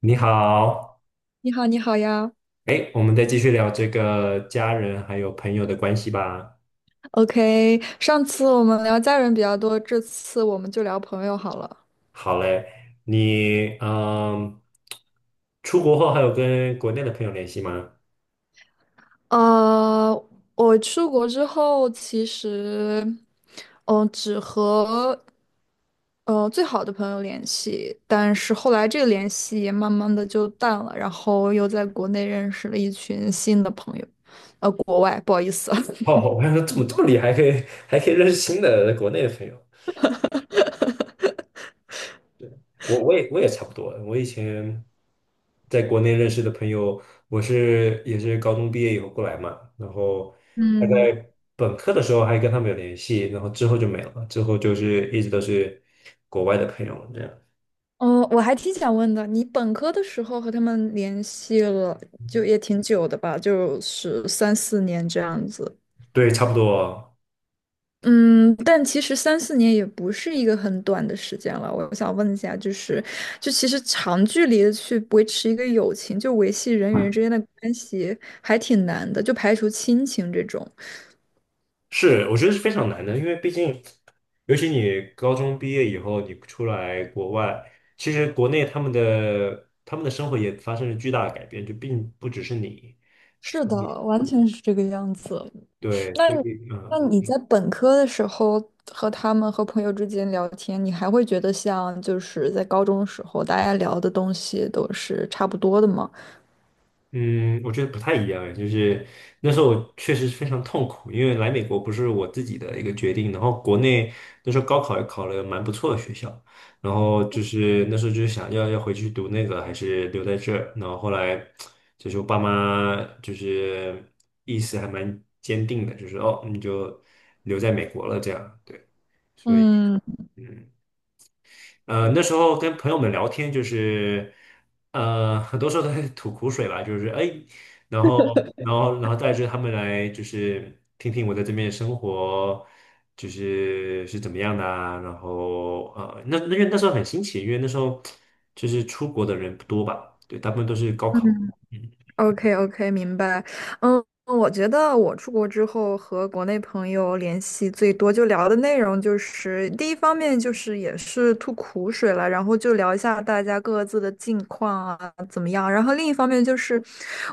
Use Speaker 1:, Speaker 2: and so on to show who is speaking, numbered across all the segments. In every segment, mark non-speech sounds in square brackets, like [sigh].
Speaker 1: 你好。
Speaker 2: 你好，你好呀。
Speaker 1: 哎，我们再继续聊这个家人还有朋友的关系吧。
Speaker 2: OK，上次我们聊家人比较多，这次我们就聊朋友好了。
Speaker 1: 好嘞，你出国后还有跟国内的朋友联系吗？
Speaker 2: 呃，我出国之后，其实，只和最好的朋友联系，但是后来这个联系也慢慢的就淡了，然后又在国内认识了一群新的朋友，国外，不好意思。
Speaker 1: 哦，
Speaker 2: [laughs]
Speaker 1: 我还说怎么这么厉害，还可以认识新的国内的朋友。我也差不多。我以前在国内认识的朋友，我是也是高中毕业以后过来嘛，然后大
Speaker 2: 嗯。
Speaker 1: 概本科的时候还跟他们有联系，然后之后就没了，之后就是一直都是国外的朋友这样。
Speaker 2: 哦，我还挺想问的，你本科的时候和他们联系了，就也挺久的吧，就是三四年这样子。
Speaker 1: 对，差不多
Speaker 2: 嗯，但其实三四年也不是一个很短的时间了。我想问一下，就是，就其实长距离的去维持一个友情，就维系人与人之间的关系，还挺难的，就排除亲情这种。
Speaker 1: 是。我觉得是非常难的，因为毕竟，尤其你高中毕业以后，你出来国外，其实国内他们的生活也发生了巨大的改变，就并不只是你，
Speaker 2: 是
Speaker 1: 所以
Speaker 2: 的，完全是这个样子。
Speaker 1: 对，
Speaker 2: 那
Speaker 1: 所以
Speaker 2: 你那
Speaker 1: 嗯。
Speaker 2: 你在本科的时候和他们和朋友之间聊天，你还会觉得像就是在高中的时候大家聊的东西都是差不多的吗？
Speaker 1: 嗯，我觉得不太一样哎。就是那时候我确实非常痛苦，因为来美国不是我自己的一个决定，然后国内那时候高考也考了蛮不错的学校，然后就是那时候就是想要要回去读那个还是留在这儿，然后后来就是我爸妈就是意思还蛮坚定的，就是哦你就留在美国了这样，对，所以。
Speaker 2: 嗯
Speaker 1: 嗯。那时候跟朋友们聊天，就是很多时候都在吐苦水吧，就是哎，然后，然后带着他们来，就是听听我在这边的生活，就是是怎么样的啊，然后那因为那时候很新奇，因为那时候就是出国的人不多吧。对，大部分都是高考。嗯
Speaker 2: OK OK,明白。嗯，我觉得我出国之后和国内朋友联系最多，就聊的内容就是第一方面就是也是吐苦水了，然后就聊一下大家各自的近况啊怎么样。然后另一方面就是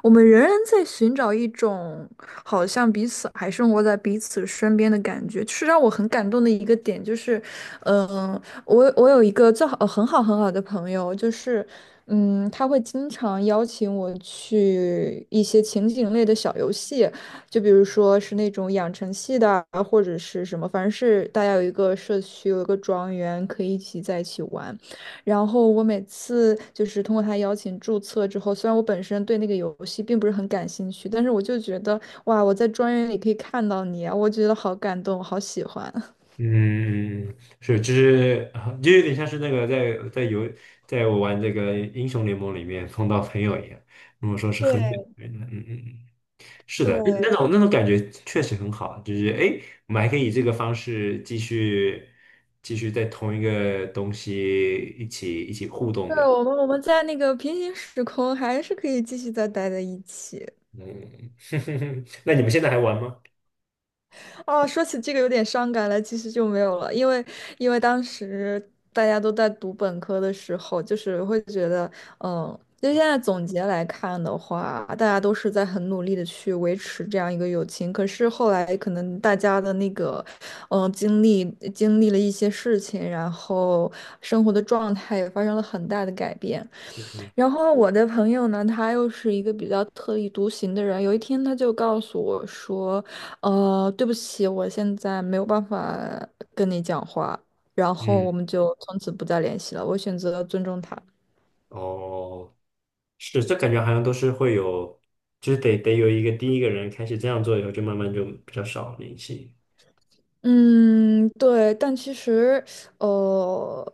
Speaker 2: 我们仍然在寻找一种好像彼此还生活在彼此身边的感觉，是让我很感动的一个点，就是嗯。我有一个最好很好很好的朋友，就是嗯，他会经常邀请我去一些情景类的小游戏，就比如说是那种养成系的啊，或者是什么，反正是大家有一个社区，有一个庄园，可以一起在一起玩。然后我每次就是通过他邀请注册之后，虽然我本身对那个游戏并不是很感兴趣，但是我就觉得哇，我在庄园里可以看到你啊，我觉得好感动，我好喜欢。[laughs]
Speaker 1: 嗯，是，就是啊就有点像是那个在在游，在我玩这个英雄联盟里面碰到朋友一样，如果说是很远的
Speaker 2: 对
Speaker 1: 人，嗯嗯嗯，是的。那那
Speaker 2: 对，
Speaker 1: 种那种感觉确实很好，就是诶，我们还可以以这个方式继续继续在同一个东西一起互动
Speaker 2: 对，
Speaker 1: 这样。
Speaker 2: 我们在那个平行时空还是可以继续再待在一起。
Speaker 1: 嗯。[laughs] 那你们现在还玩吗？
Speaker 2: 哦，说起这个有点伤感了，其实就没有了，因为因为当时大家都在读本科的时候，就是会觉得，嗯，就现在总结来看的话，大家都是在很努力的去维持这样一个友情，可是后来可能大家的那个，嗯，经历了一些事情，然后生活的状态也发生了很大的改变。
Speaker 1: 嗯，
Speaker 2: 然后我的朋友呢，他又是一个比较特立独行的人。有一天，他就告诉我说："对不起，我现在没有办法跟你讲话。"然后
Speaker 1: 嗯。
Speaker 2: 我们就从此不再联系了。我选择了尊重他。
Speaker 1: 哦，是，这感觉好像都是会有，就是得有一个第一个人开始这样做以后，就慢慢就比较少联系。
Speaker 2: 嗯，对，但其实，呃，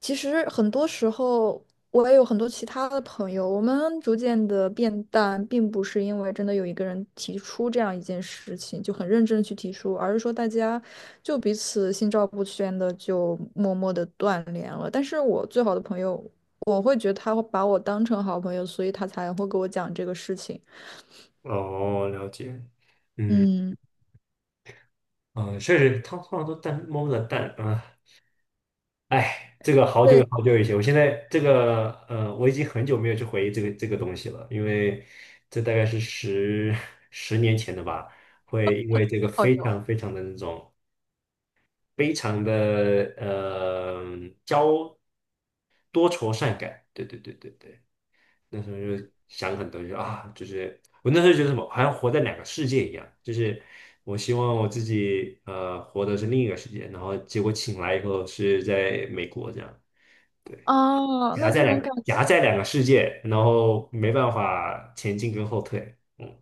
Speaker 2: 其实很多时候我也有很多其他的朋友，我们逐渐的变淡，并不是因为真的有一个人提出这样一件事情就很认真地去提出，而是说大家就彼此心照不宣的就默默的断联了。但是我最好的朋友，我会觉得他会把我当成好朋友，所以他才会给我讲这个事情。
Speaker 1: 哦，了解。嗯
Speaker 2: 嗯，
Speaker 1: 嗯，确实，他通常都蛋摸不着蛋啊。哎，这个好久
Speaker 2: 对，
Speaker 1: 好久以前，我现在我已经很久没有去回忆这个东西了，因为这大概是十 [laughs] 十年前的吧。会因为这个
Speaker 2: 好
Speaker 1: 非
Speaker 2: 友
Speaker 1: 常非常的那种非常的呃交多愁善感，对对对对对。那时候就想很多，就啊，就是我那时候觉得什么，好像活在两个世界一样，就是我希望我自己活的是另一个世界，然后结果醒来以后是在美国这样，
Speaker 2: 啊，那这种感。
Speaker 1: 夹在两个世界，然后没办法前进跟后退，嗯。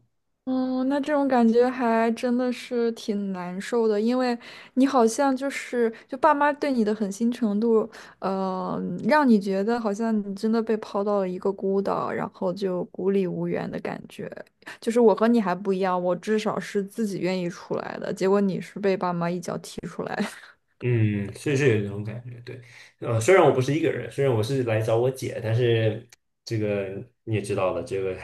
Speaker 2: 嗯，那这种感觉还真的是挺难受的，因为你好像就是就爸妈对你的狠心程度，呃，让你觉得好像你真的被抛到了一个孤岛，然后就孤立无援的感觉。就是我和你还不一样，我至少是自己愿意出来的，结果你是被爸妈一脚踢出来的
Speaker 1: 嗯，是是有这种感觉，对。虽然我不是一个人，虽然我是来找我姐，但是这个你也知道的，这个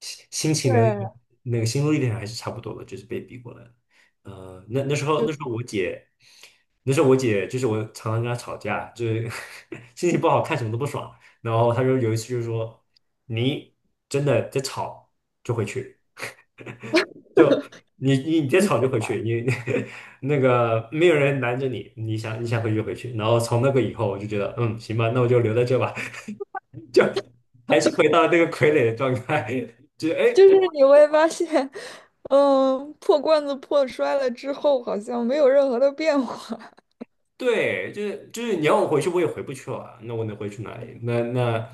Speaker 1: 心情的那
Speaker 2: 对，
Speaker 1: 个
Speaker 2: [laughs]
Speaker 1: 那个心路历程还是差不多的，就是被逼过来的。呃，那那时候那时
Speaker 2: 就
Speaker 1: 候我姐，那时候我姐就是我常常跟她吵架，就是 [laughs] 心情不好看什么都不爽，然后她就有一次就是说你真的在吵就回去。就你再吵就
Speaker 2: 你
Speaker 1: 回去，你 [laughs] 那个没有人拦着你，你想回去就回去。然后从那个以后，我就觉得嗯行吧，那我就留在这吧，[laughs] 就还是回到那个傀儡的状态。[laughs] 就是哎，
Speaker 2: 就是
Speaker 1: 我
Speaker 2: 你会发现，嗯，破罐子破摔了之后，好像没有任何的变化。
Speaker 1: 对，就是你要我回去，我也回不去了，那我能回去哪里？那那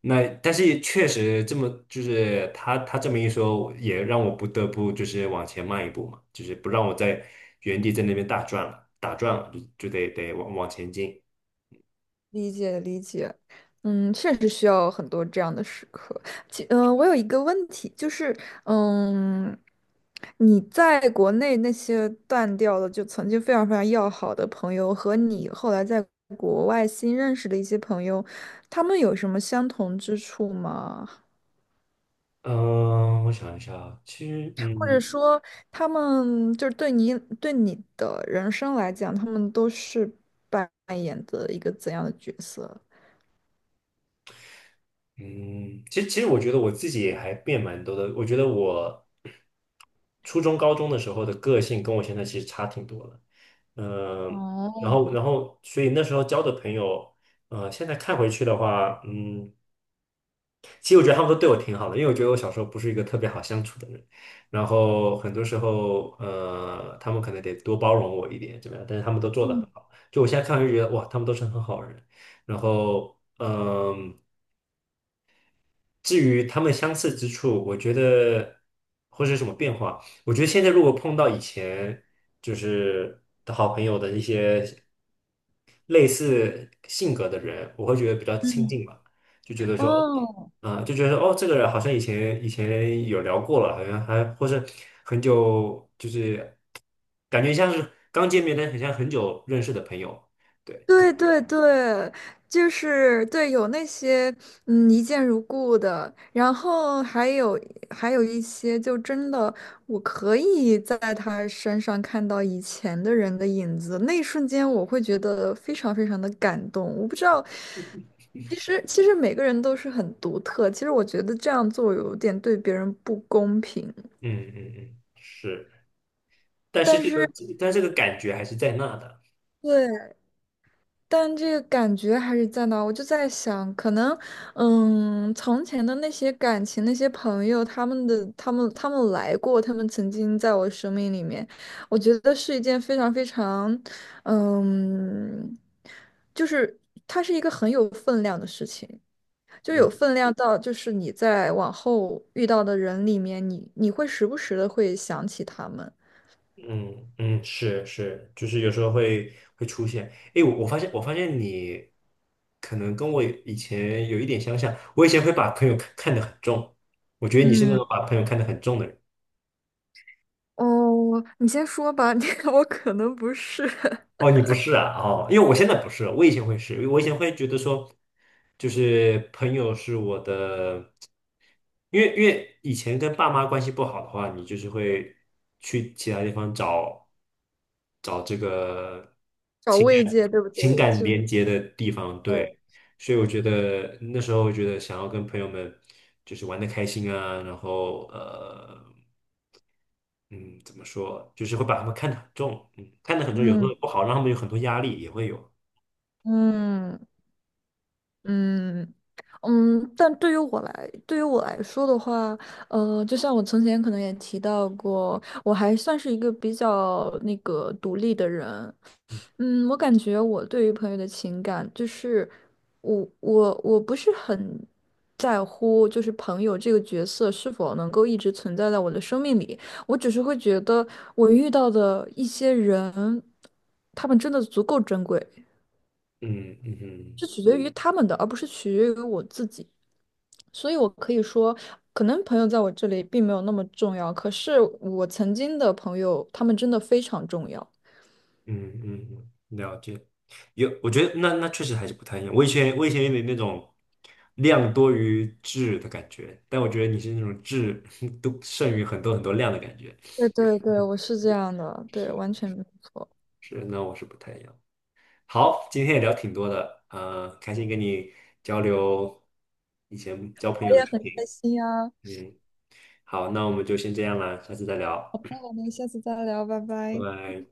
Speaker 1: 那，但是确实这么就是他这么一说，也让我不得不就是往前迈一步嘛，就是不让我在原地在那边打转了，就得往前进。
Speaker 2: 理解理解，嗯，确实需要很多这样的时刻。我有一个问题，就是，嗯，你在国内那些断掉的，就曾经非常非常要好的朋友，和你后来在国外新认识的一些朋友，他们有什么相同之处吗？
Speaker 1: 嗯，我想一下啊，其实，
Speaker 2: 或者说，他们就是对你对你的人生来讲，他们都是扮演的一个怎样的角色？
Speaker 1: 嗯，其实我觉得我自己也还变蛮多的。我觉得我初中、高中的时候的个性跟我现在其实差挺多的。嗯，然后，所以那时候交的朋友，现在看回去的话，嗯。其实我觉得他们都对我挺好的，因为我觉得我小时候不是一个特别好相处的人，然后很多时候，他们可能得多包容我一点，怎么样？但是他们都做得很好，就我现在看就觉得哇，他们都是很好的人。然后，嗯、至于他们相似之处，我觉得或是什么变化，我觉得现在如果碰到以前就是的好朋友的一些类似性格的人，我会觉得比较亲
Speaker 2: 嗯，
Speaker 1: 近吧，就觉得说，
Speaker 2: 哦，
Speaker 1: 啊、就觉得说哦，这个人好像以前有聊过了，好像还或是很久，就是感觉像是刚见面，但很像很久认识的朋友。对，
Speaker 2: 对对对，就是对，有那些嗯一见如故的，然后还有还有一些就真的我可以在他身上看到以前的人的影子，那一瞬间我会觉得非常非常的感动。我不知道，其实每个人都是很独特，其实我觉得这样做有点对别人不公平。
Speaker 1: 嗯嗯嗯，是，但是
Speaker 2: 但
Speaker 1: 这个但这个感觉还是在那的。
Speaker 2: 对，但这个感觉还是在那儿我就在想，可能，嗯，从前的那些感情、那些朋友，他们来过，他们曾经在我生命里面，我觉得是一件非常非常，嗯，就是它是一个很有分量的事情，就有
Speaker 1: 嗯。
Speaker 2: 分量到，就是你在往后遇到的人里面，你会时不时的会想起他们。
Speaker 1: 嗯嗯，是是，就是有时候会出现。哎，我发现你可能跟我以前有一点相像，我以前会把朋友看得很重，我觉得你是那
Speaker 2: 嗯，
Speaker 1: 种把朋友看得很重的人。
Speaker 2: 哦，你先说吧，[laughs] 我可能不是。
Speaker 1: 哦，你不是啊？哦，因为我现在不是，我以前会是，我以前会觉得说，就是朋友是我的，因为以前跟爸妈关系不好的话，你就是会去其他地方找这个
Speaker 2: 找慰藉，对不对？
Speaker 1: 情感
Speaker 2: 是，
Speaker 1: 连接的地方，对。所以我觉得那时候我觉得想要跟朋友们就是玩的开心啊，然后嗯，怎么说，就是会把他们看得很重。嗯，看得很重，有时
Speaker 2: 嗯
Speaker 1: 候不好，让他们有很多压力，也会有。
Speaker 2: 嗯嗯嗯。但对于我来，对于我来说的话，就像我从前可能也提到过，我还算是一个比较那个独立的人，嗯，我感觉我对于朋友的情感，就是我不是很在乎，就是朋友这个角色是否能够一直存在在我的生命里。我只是会觉得我遇到的一些人，他们真的足够珍贵，
Speaker 1: 嗯嗯嗯
Speaker 2: 是取决于他们的，而不是取决于我自己。所以我可以说，可能朋友在我这里并没有那么重要，可是我曾经的朋友，他们真的非常重要。
Speaker 1: 嗯，了解。有，我觉得那那确实还是不太一样，我以前有点那种量多于质的感觉，但我觉得你是那种质 [laughs] 都胜于很多很多量的感觉。
Speaker 2: 对对对，我是这样的，对，完全没错。
Speaker 1: 是，那我是不太一样。好，今天也聊挺多的，呃，开心跟你交流以前交
Speaker 2: 我
Speaker 1: 朋友的
Speaker 2: 也
Speaker 1: 事
Speaker 2: 很开
Speaker 1: 情。
Speaker 2: 心呀！
Speaker 1: 嗯，好，那我们就先这样啦，下次再聊，
Speaker 2: 那我们下次再聊，拜
Speaker 1: 拜
Speaker 2: 拜。
Speaker 1: 拜。